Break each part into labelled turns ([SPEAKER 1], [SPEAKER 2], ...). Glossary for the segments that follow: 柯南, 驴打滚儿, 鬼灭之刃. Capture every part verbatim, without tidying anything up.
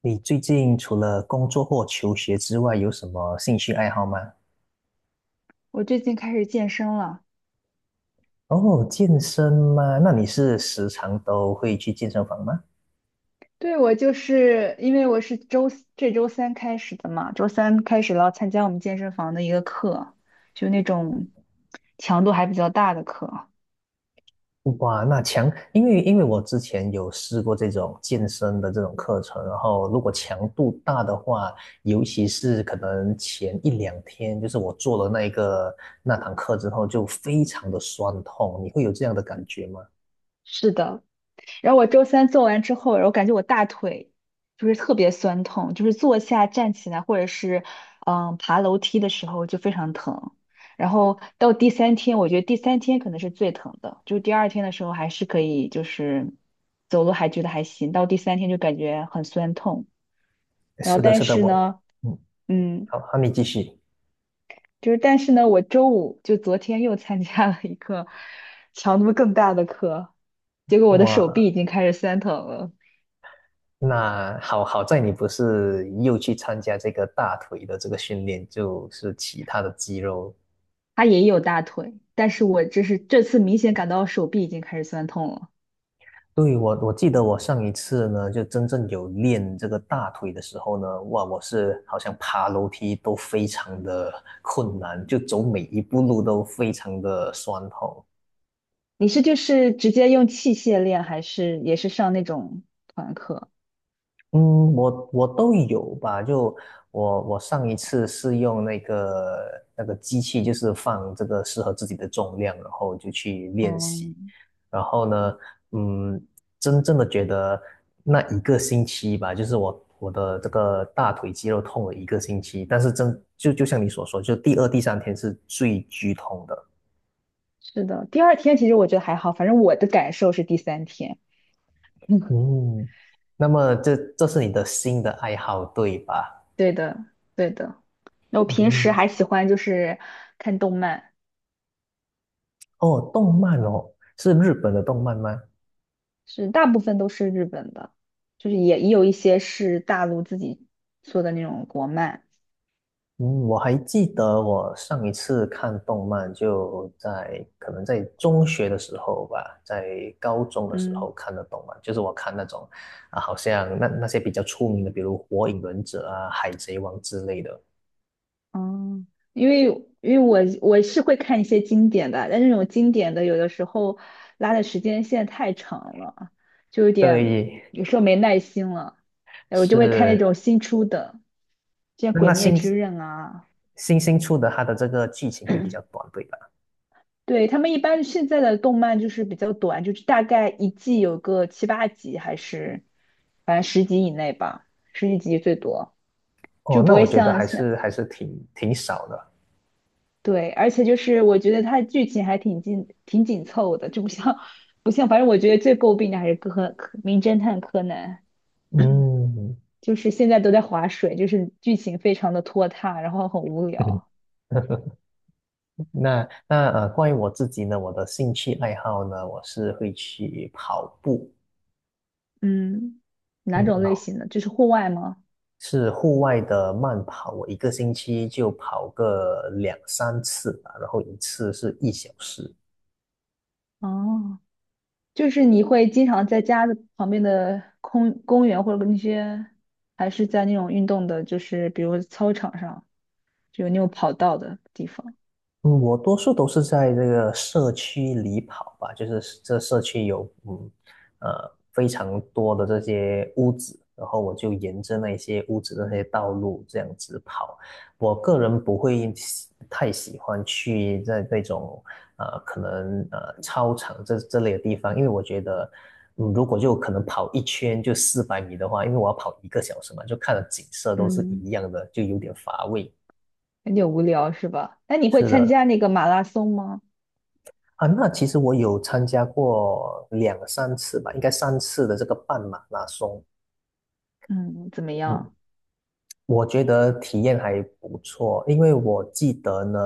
[SPEAKER 1] 你最近除了工作或求学之外，有什么兴趣爱好吗？
[SPEAKER 2] 我最近开始健身了。
[SPEAKER 1] 哦，健身吗？那你是时常都会去健身房吗？
[SPEAKER 2] 对，我就是因为我是周四这周三开始的嘛，周三开始了参加我们健身房的一个课，就那种强度还比较大的课。
[SPEAKER 1] 哇，那强，因为因为我之前有试过这种健身的这种课程，然后如果强度大的话，尤其是可能前一两天，就是我做了那一个那堂课之后，就非常的酸痛，你会有这样的感觉吗？
[SPEAKER 2] 是的，然后我周三做完之后，然后感觉我大腿就是特别酸痛，就是坐下、站起来或者是嗯爬楼梯的时候就非常疼。然后到第三天，我觉得第三天可能是最疼的，就第二天的时候还是可以，就是走路还觉得还行，到第三天就感觉很酸痛。然后
[SPEAKER 1] 是的，
[SPEAKER 2] 但
[SPEAKER 1] 是的，
[SPEAKER 2] 是
[SPEAKER 1] 我，
[SPEAKER 2] 呢，
[SPEAKER 1] 嗯，
[SPEAKER 2] 嗯，
[SPEAKER 1] 好，好，你继续。
[SPEAKER 2] 就是但是呢，我周五就昨天又参加了一个强度更大的课，结果我的手
[SPEAKER 1] 哇，
[SPEAKER 2] 臂已经开始酸疼了。
[SPEAKER 1] 那好好在你不是又去参加这个大腿的这个训练，就是其他的肌肉。
[SPEAKER 2] 他也有大腿，但是我这是这次明显感到手臂已经开始酸痛了。
[SPEAKER 1] 对，我我记得我上一次呢，就真正有练这个大腿的时候呢，哇，我是好像爬楼梯都非常的困难，就走每一步路都非常的酸痛。
[SPEAKER 2] 你是就是直接用器械练，还是也是上那种团课？
[SPEAKER 1] 嗯，我我都有吧。就我我上一次是用那个那个机器，就是放这个适合自己的重量，然后就去练习。
[SPEAKER 2] 嗯，
[SPEAKER 1] 然后呢，嗯，真正的觉得那一个星期吧，就是我我的这个大腿肌肉痛了一个星期，但是真就就像你所说，就第二、第三天是最剧痛的。
[SPEAKER 2] 是的。第二天其实我觉得还好，反正我的感受是第三天。嗯，
[SPEAKER 1] 嗯，那么这这是你的新的爱好，对吧？
[SPEAKER 2] 对的，对的。那我平时
[SPEAKER 1] 嗯。
[SPEAKER 2] 还喜欢就是看动漫，
[SPEAKER 1] 哦，动漫哦，是日本的动漫吗？
[SPEAKER 2] 是大部分都是日本的，就是也也有一些是大陆自己做的那种国漫。
[SPEAKER 1] 嗯，我还记得我上一次看动漫就在可能在中学的时候吧，在高中的时
[SPEAKER 2] 嗯，
[SPEAKER 1] 候看的动漫，就是我看那种啊，好像那那些比较出名的，比如《火影忍者》啊、《海贼王》之类的。
[SPEAKER 2] 嗯，因为因为我我是会看一些经典的，但那种经典的有的时候拉的时间线太长了，就有点
[SPEAKER 1] 对，
[SPEAKER 2] 有时候没耐心了，我就会看那
[SPEAKER 1] 是
[SPEAKER 2] 种新出的，像
[SPEAKER 1] 那
[SPEAKER 2] 《鬼
[SPEAKER 1] 那
[SPEAKER 2] 灭
[SPEAKER 1] 新
[SPEAKER 2] 之刃》啊。
[SPEAKER 1] 新新出的，它的这个剧情会比较短，对吧？
[SPEAKER 2] 对，他们一般现在的动漫就是比较短，就是大概一季有个七八集，还是反正十集以内吧，十几集最多，
[SPEAKER 1] 哦，
[SPEAKER 2] 就不
[SPEAKER 1] 那
[SPEAKER 2] 会
[SPEAKER 1] 我觉得
[SPEAKER 2] 像
[SPEAKER 1] 还
[SPEAKER 2] 像
[SPEAKER 1] 是还是挺挺少的。
[SPEAKER 2] 对，而且就是我觉得它剧情还挺紧挺紧凑的，就不像不像，反正我觉得最诟病的还是柯柯名侦探柯南，
[SPEAKER 1] 嗯。
[SPEAKER 2] 就是现在都在划水，就是剧情非常的拖沓，然后很无聊。
[SPEAKER 1] 那那呃，关于我自己呢，我的兴趣爱好呢，我是会去跑步，
[SPEAKER 2] 嗯，哪
[SPEAKER 1] 嗯，
[SPEAKER 2] 种
[SPEAKER 1] 然
[SPEAKER 2] 类
[SPEAKER 1] 后
[SPEAKER 2] 型的？就是户外吗？
[SPEAKER 1] 是户外的慢跑，我一个星期就跑个两三次吧，然后一次是一小时。
[SPEAKER 2] 哦，就是你会经常在家的旁边的空公园或者那些，还是在那种运动的，就是比如操场上，就有那种跑道的地方。
[SPEAKER 1] 嗯，我多数都是在这个社区里跑吧，就是这社区有嗯呃非常多的这些屋子，然后我就沿着那些屋子的那些道路这样子跑。我个人不会喜太喜欢去在那种呃可能呃操场这这类的地方，因为我觉得嗯如果就可能跑一圈就四百米的话，因为我要跑一个小时嘛，就看的景色都是
[SPEAKER 2] 嗯。
[SPEAKER 1] 一样的，就有点乏味。
[SPEAKER 2] 有点无聊是吧？那你会
[SPEAKER 1] 是
[SPEAKER 2] 参
[SPEAKER 1] 的。
[SPEAKER 2] 加那个马拉松吗？
[SPEAKER 1] 啊，那其实我有参加过两三次吧，应该三次的这个半马拉松。
[SPEAKER 2] 嗯，怎么
[SPEAKER 1] 嗯，
[SPEAKER 2] 样？
[SPEAKER 1] 我觉得体验还不错，因为我记得呢，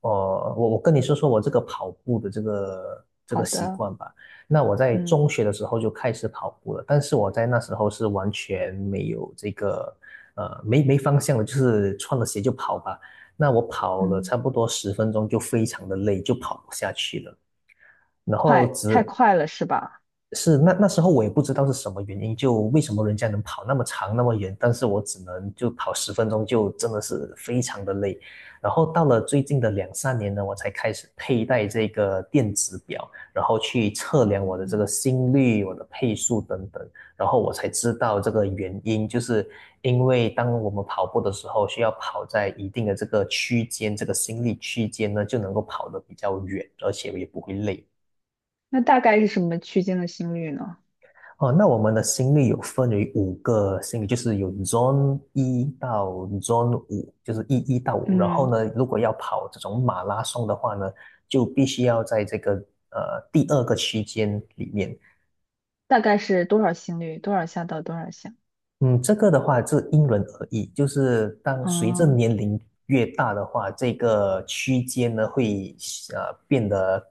[SPEAKER 1] 呃，我我跟你说说我这个跑步的这个这
[SPEAKER 2] 好
[SPEAKER 1] 个习
[SPEAKER 2] 的。
[SPEAKER 1] 惯吧。那我在
[SPEAKER 2] 嗯
[SPEAKER 1] 中学的时候就开始跑步了，但是我在那时候是完全没有这个呃没没方向的，就是穿了鞋就跑吧。那我跑了
[SPEAKER 2] 嗯，
[SPEAKER 1] 差不多十分钟就非常的累，就跑不下去了。然后
[SPEAKER 2] 快，太
[SPEAKER 1] 只。
[SPEAKER 2] 快了是吧？
[SPEAKER 1] 是那那时候我也不知道是什么原因，就为什么人家能跑那么长那么远，但是我只能就跑十分钟，就真的是非常的累。然后到了最近的两三年呢，我才开始佩戴这个电子表，然后去测量我的这个心率、我的配速等等，然后我才知道这个原因，就是因为当我们跑步的时候，需要跑在一定的这个区间，这个心率区间呢，就能够跑得比较远，而且也不会累。
[SPEAKER 2] 那大概是什么区间的心率呢？
[SPEAKER 1] 哦，那我们的心率有分为五个心率，就是有 Zone 一到 Zone 五，就是一一到五。然后
[SPEAKER 2] 嗯，
[SPEAKER 1] 呢，如果要跑这种马拉松的话呢，就必须要在这个呃第二个区间里面，
[SPEAKER 2] 大概是多少心率？多少下到多少下？
[SPEAKER 1] 嗯，这个的话是因人而异，就是当随着
[SPEAKER 2] 哦。
[SPEAKER 1] 年龄越大的话，这个区间呢会呃变得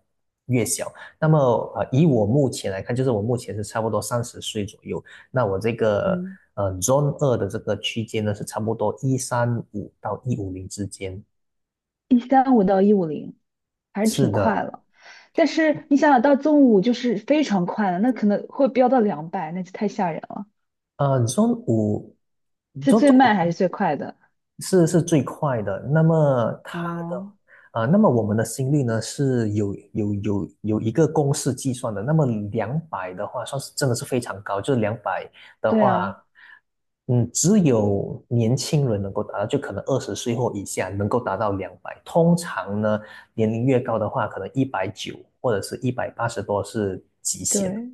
[SPEAKER 1] 越小。那么呃，以我目前来看，就是我目前是差不多三十岁左右，那我这个
[SPEAKER 2] 嗯，
[SPEAKER 1] 呃 Zone 二的这个区间呢是差不多一三五到一五零之间。
[SPEAKER 2] 一三五到一五零，还是
[SPEAKER 1] 是
[SPEAKER 2] 挺
[SPEAKER 1] 的，
[SPEAKER 2] 快了。但是你想想到中午就是非常快了，那可能会飙到两百，那就太吓人了。
[SPEAKER 1] 呃，Zone 五
[SPEAKER 2] 是
[SPEAKER 1] ，Zone
[SPEAKER 2] 最
[SPEAKER 1] 五。
[SPEAKER 2] 慢还是最快的？
[SPEAKER 1] 是是最快的。那么它的
[SPEAKER 2] 哦。
[SPEAKER 1] 呃，那么我们的心率呢是有有有有一个公式计算的。那么两百的话，算是真的是非常高，就是两百的
[SPEAKER 2] 对
[SPEAKER 1] 话，
[SPEAKER 2] 啊。
[SPEAKER 1] 嗯，只有年轻人能够达到，就可能二十岁或以下能够达到两百。通常呢，年龄越高的话，可能一百九或者是一百八十多是极限。
[SPEAKER 2] 对，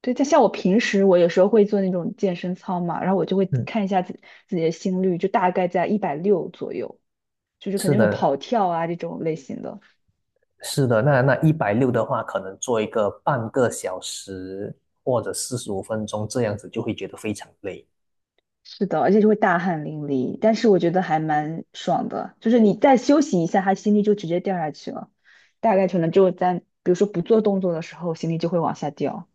[SPEAKER 2] 对，但像我平时我有时候会做那种健身操嘛，然后我就会
[SPEAKER 1] 嗯，
[SPEAKER 2] 看一下自自己的心率，就大概在一百六左右，就是肯
[SPEAKER 1] 是
[SPEAKER 2] 定有
[SPEAKER 1] 的，
[SPEAKER 2] 跑跳啊这种类型的。
[SPEAKER 1] 是的，那那一百六的话，可能做一个半个小时或者四十五分钟这样子，就会觉得非常累。
[SPEAKER 2] 是的，而且就会大汗淋漓，但是我觉得还蛮爽的，就是你再休息一下，他心率就直接掉下去了，大概可能就在比如说不做动作的时候，心率就会往下掉。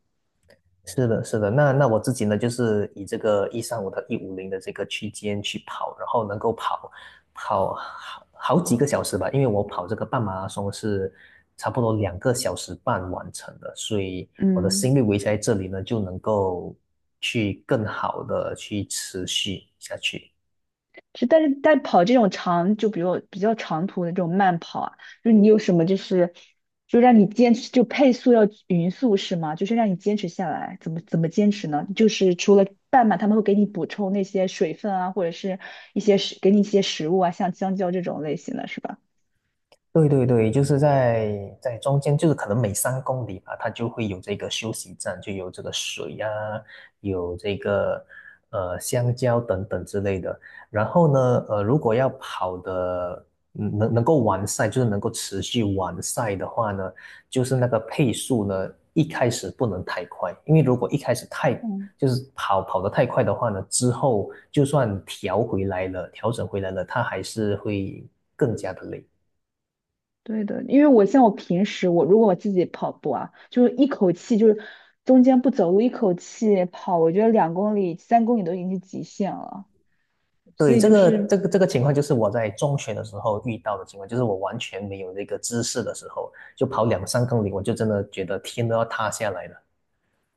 [SPEAKER 1] 是的，是的。那那我自己呢，就是以这个一三五到一五零的这个区间去跑，然后能够跑跑好好几个小时吧，因为我跑这个半马拉松是差不多两个小时半完成的，所以我的
[SPEAKER 2] 嗯。
[SPEAKER 1] 心率维持在这里呢，就能够去更好的去持续下去。
[SPEAKER 2] 是，但是但跑这种长，就比如比较长途的这种慢跑啊，就是你有什么就是，就让你坚持，就配速要匀速是吗？就是让你坚持下来，怎么怎么坚持呢？就是除了半马，他们会给你补充那些水分啊，或者是一些食，给你一些食物啊，像香蕉这种类型的是吧？
[SPEAKER 1] 对对对，就是在在中间，就是可能每三公里吧，它就会有这个休息站，就有这个水啊，有这个呃香蕉等等之类的。然后呢，呃，如果要跑的嗯能能够完赛，就是能够持续完赛的话呢，就是那个配速呢，一开始不能太快，因为如果一开始太
[SPEAKER 2] 嗯，
[SPEAKER 1] 就是跑跑得太快的话呢，之后就算调回来了，调整回来了，它还是会更加的累。
[SPEAKER 2] 对的，因为我像我平时我如果我自己跑步啊，就是一口气就是中间不走路，一口气跑，我觉得两公里、三公里都已经是极限了。所
[SPEAKER 1] 对，
[SPEAKER 2] 以
[SPEAKER 1] 这
[SPEAKER 2] 就
[SPEAKER 1] 个这
[SPEAKER 2] 是
[SPEAKER 1] 个这个情况就是我在中学的时候遇到的情况，就是我完全没有那个知识的时候，就跑两三公里，我就真的觉得天都要塌下来了。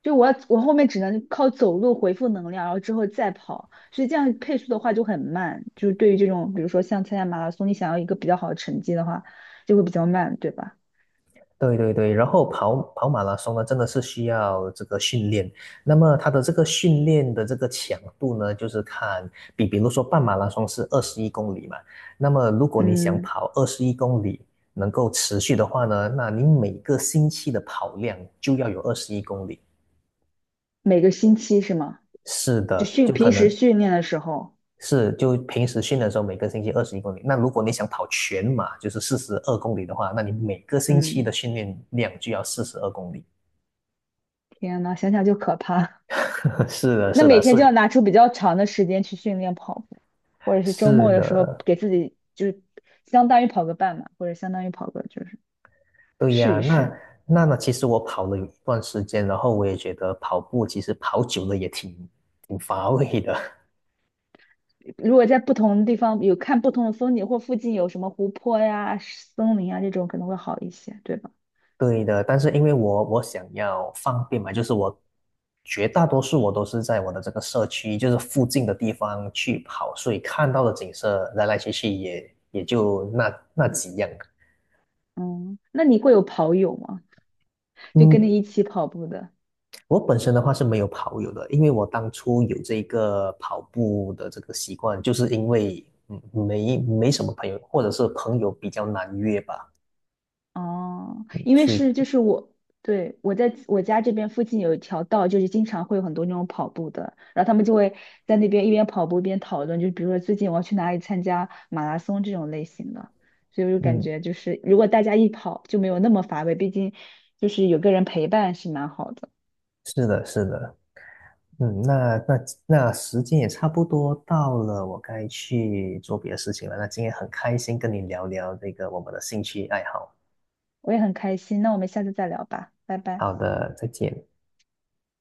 [SPEAKER 2] 就我要我后面只能靠走路回复能量，然后之后再跑，所以这样配速的话就很慢。就是对于这种，比如说像参加马拉松，你想要一个比较好的成绩的话，就会比较慢，对吧？
[SPEAKER 1] 对对对，然后跑跑马拉松呢，真的是需要这个训练。那么它的这个训练的这个强度呢，就是看比比如说半马拉松是二十一公里嘛，那么如果你想
[SPEAKER 2] 嗯，
[SPEAKER 1] 跑二十一公里能够持续的话呢，那你每个星期的跑量就要有二十一公里。
[SPEAKER 2] 每个星期是吗？
[SPEAKER 1] 是
[SPEAKER 2] 就
[SPEAKER 1] 的，
[SPEAKER 2] 训
[SPEAKER 1] 就可
[SPEAKER 2] 平时
[SPEAKER 1] 能
[SPEAKER 2] 训练的时候。
[SPEAKER 1] 是就平时训练的时候，每个星期二十一公里。那如果你想跑全马，就是四十二公里的话，那你每个星期
[SPEAKER 2] 嗯，
[SPEAKER 1] 的训练量就要四十二公里。
[SPEAKER 2] 天呐，想想就可怕。
[SPEAKER 1] 是的，
[SPEAKER 2] 那
[SPEAKER 1] 是的，
[SPEAKER 2] 每
[SPEAKER 1] 是
[SPEAKER 2] 天就要拿出比较长的时间去训练跑步，或者是周
[SPEAKER 1] 是
[SPEAKER 2] 末的时候
[SPEAKER 1] 的，
[SPEAKER 2] 给自己就是相当于跑个半马，或者相当于跑个就是
[SPEAKER 1] 对
[SPEAKER 2] 试
[SPEAKER 1] 呀。
[SPEAKER 2] 一
[SPEAKER 1] 那
[SPEAKER 2] 试。
[SPEAKER 1] 那那，其实我跑了有一段时间，然后我也觉得跑步其实跑久了也挺挺乏味的。
[SPEAKER 2] 如果在不同的地方有看不同的风景，或附近有什么湖泊呀、森林啊这种，可能会好一些，对吧？
[SPEAKER 1] 对的，但是因为我我想要方便嘛，就是我绝大多数我都是在我的这个社区，就是附近的地方去跑，所以看到的景色来来去去也也就那那几样。
[SPEAKER 2] 嗯，那你会有跑友吗？就跟
[SPEAKER 1] 嗯，
[SPEAKER 2] 你一起跑步的？
[SPEAKER 1] 我本身的话是没有跑友的，因为我当初有这个跑步的这个习惯，就是因为嗯没没什么朋友，或者是朋友比较难约吧，
[SPEAKER 2] 哦，因为
[SPEAKER 1] 所以
[SPEAKER 2] 是就是我，对，我在我家这边附近有一条道，就是经常会有很多那种跑步的，然后他们就会在那边一边跑步一边讨论，就比如说最近我要去哪里参加马拉松这种类型的，所以我就感
[SPEAKER 1] 嗯
[SPEAKER 2] 觉就是如果大家一跑就没有那么乏味，毕竟就是有个人陪伴是蛮好的。
[SPEAKER 1] 是的是的。嗯，那那那时间也差不多到了，我该去做别的事情了。那今天很开心跟你聊聊这个我们的兴趣爱好。
[SPEAKER 2] 我也很开心。那我们下次再聊吧，拜拜。
[SPEAKER 1] 好的，再见。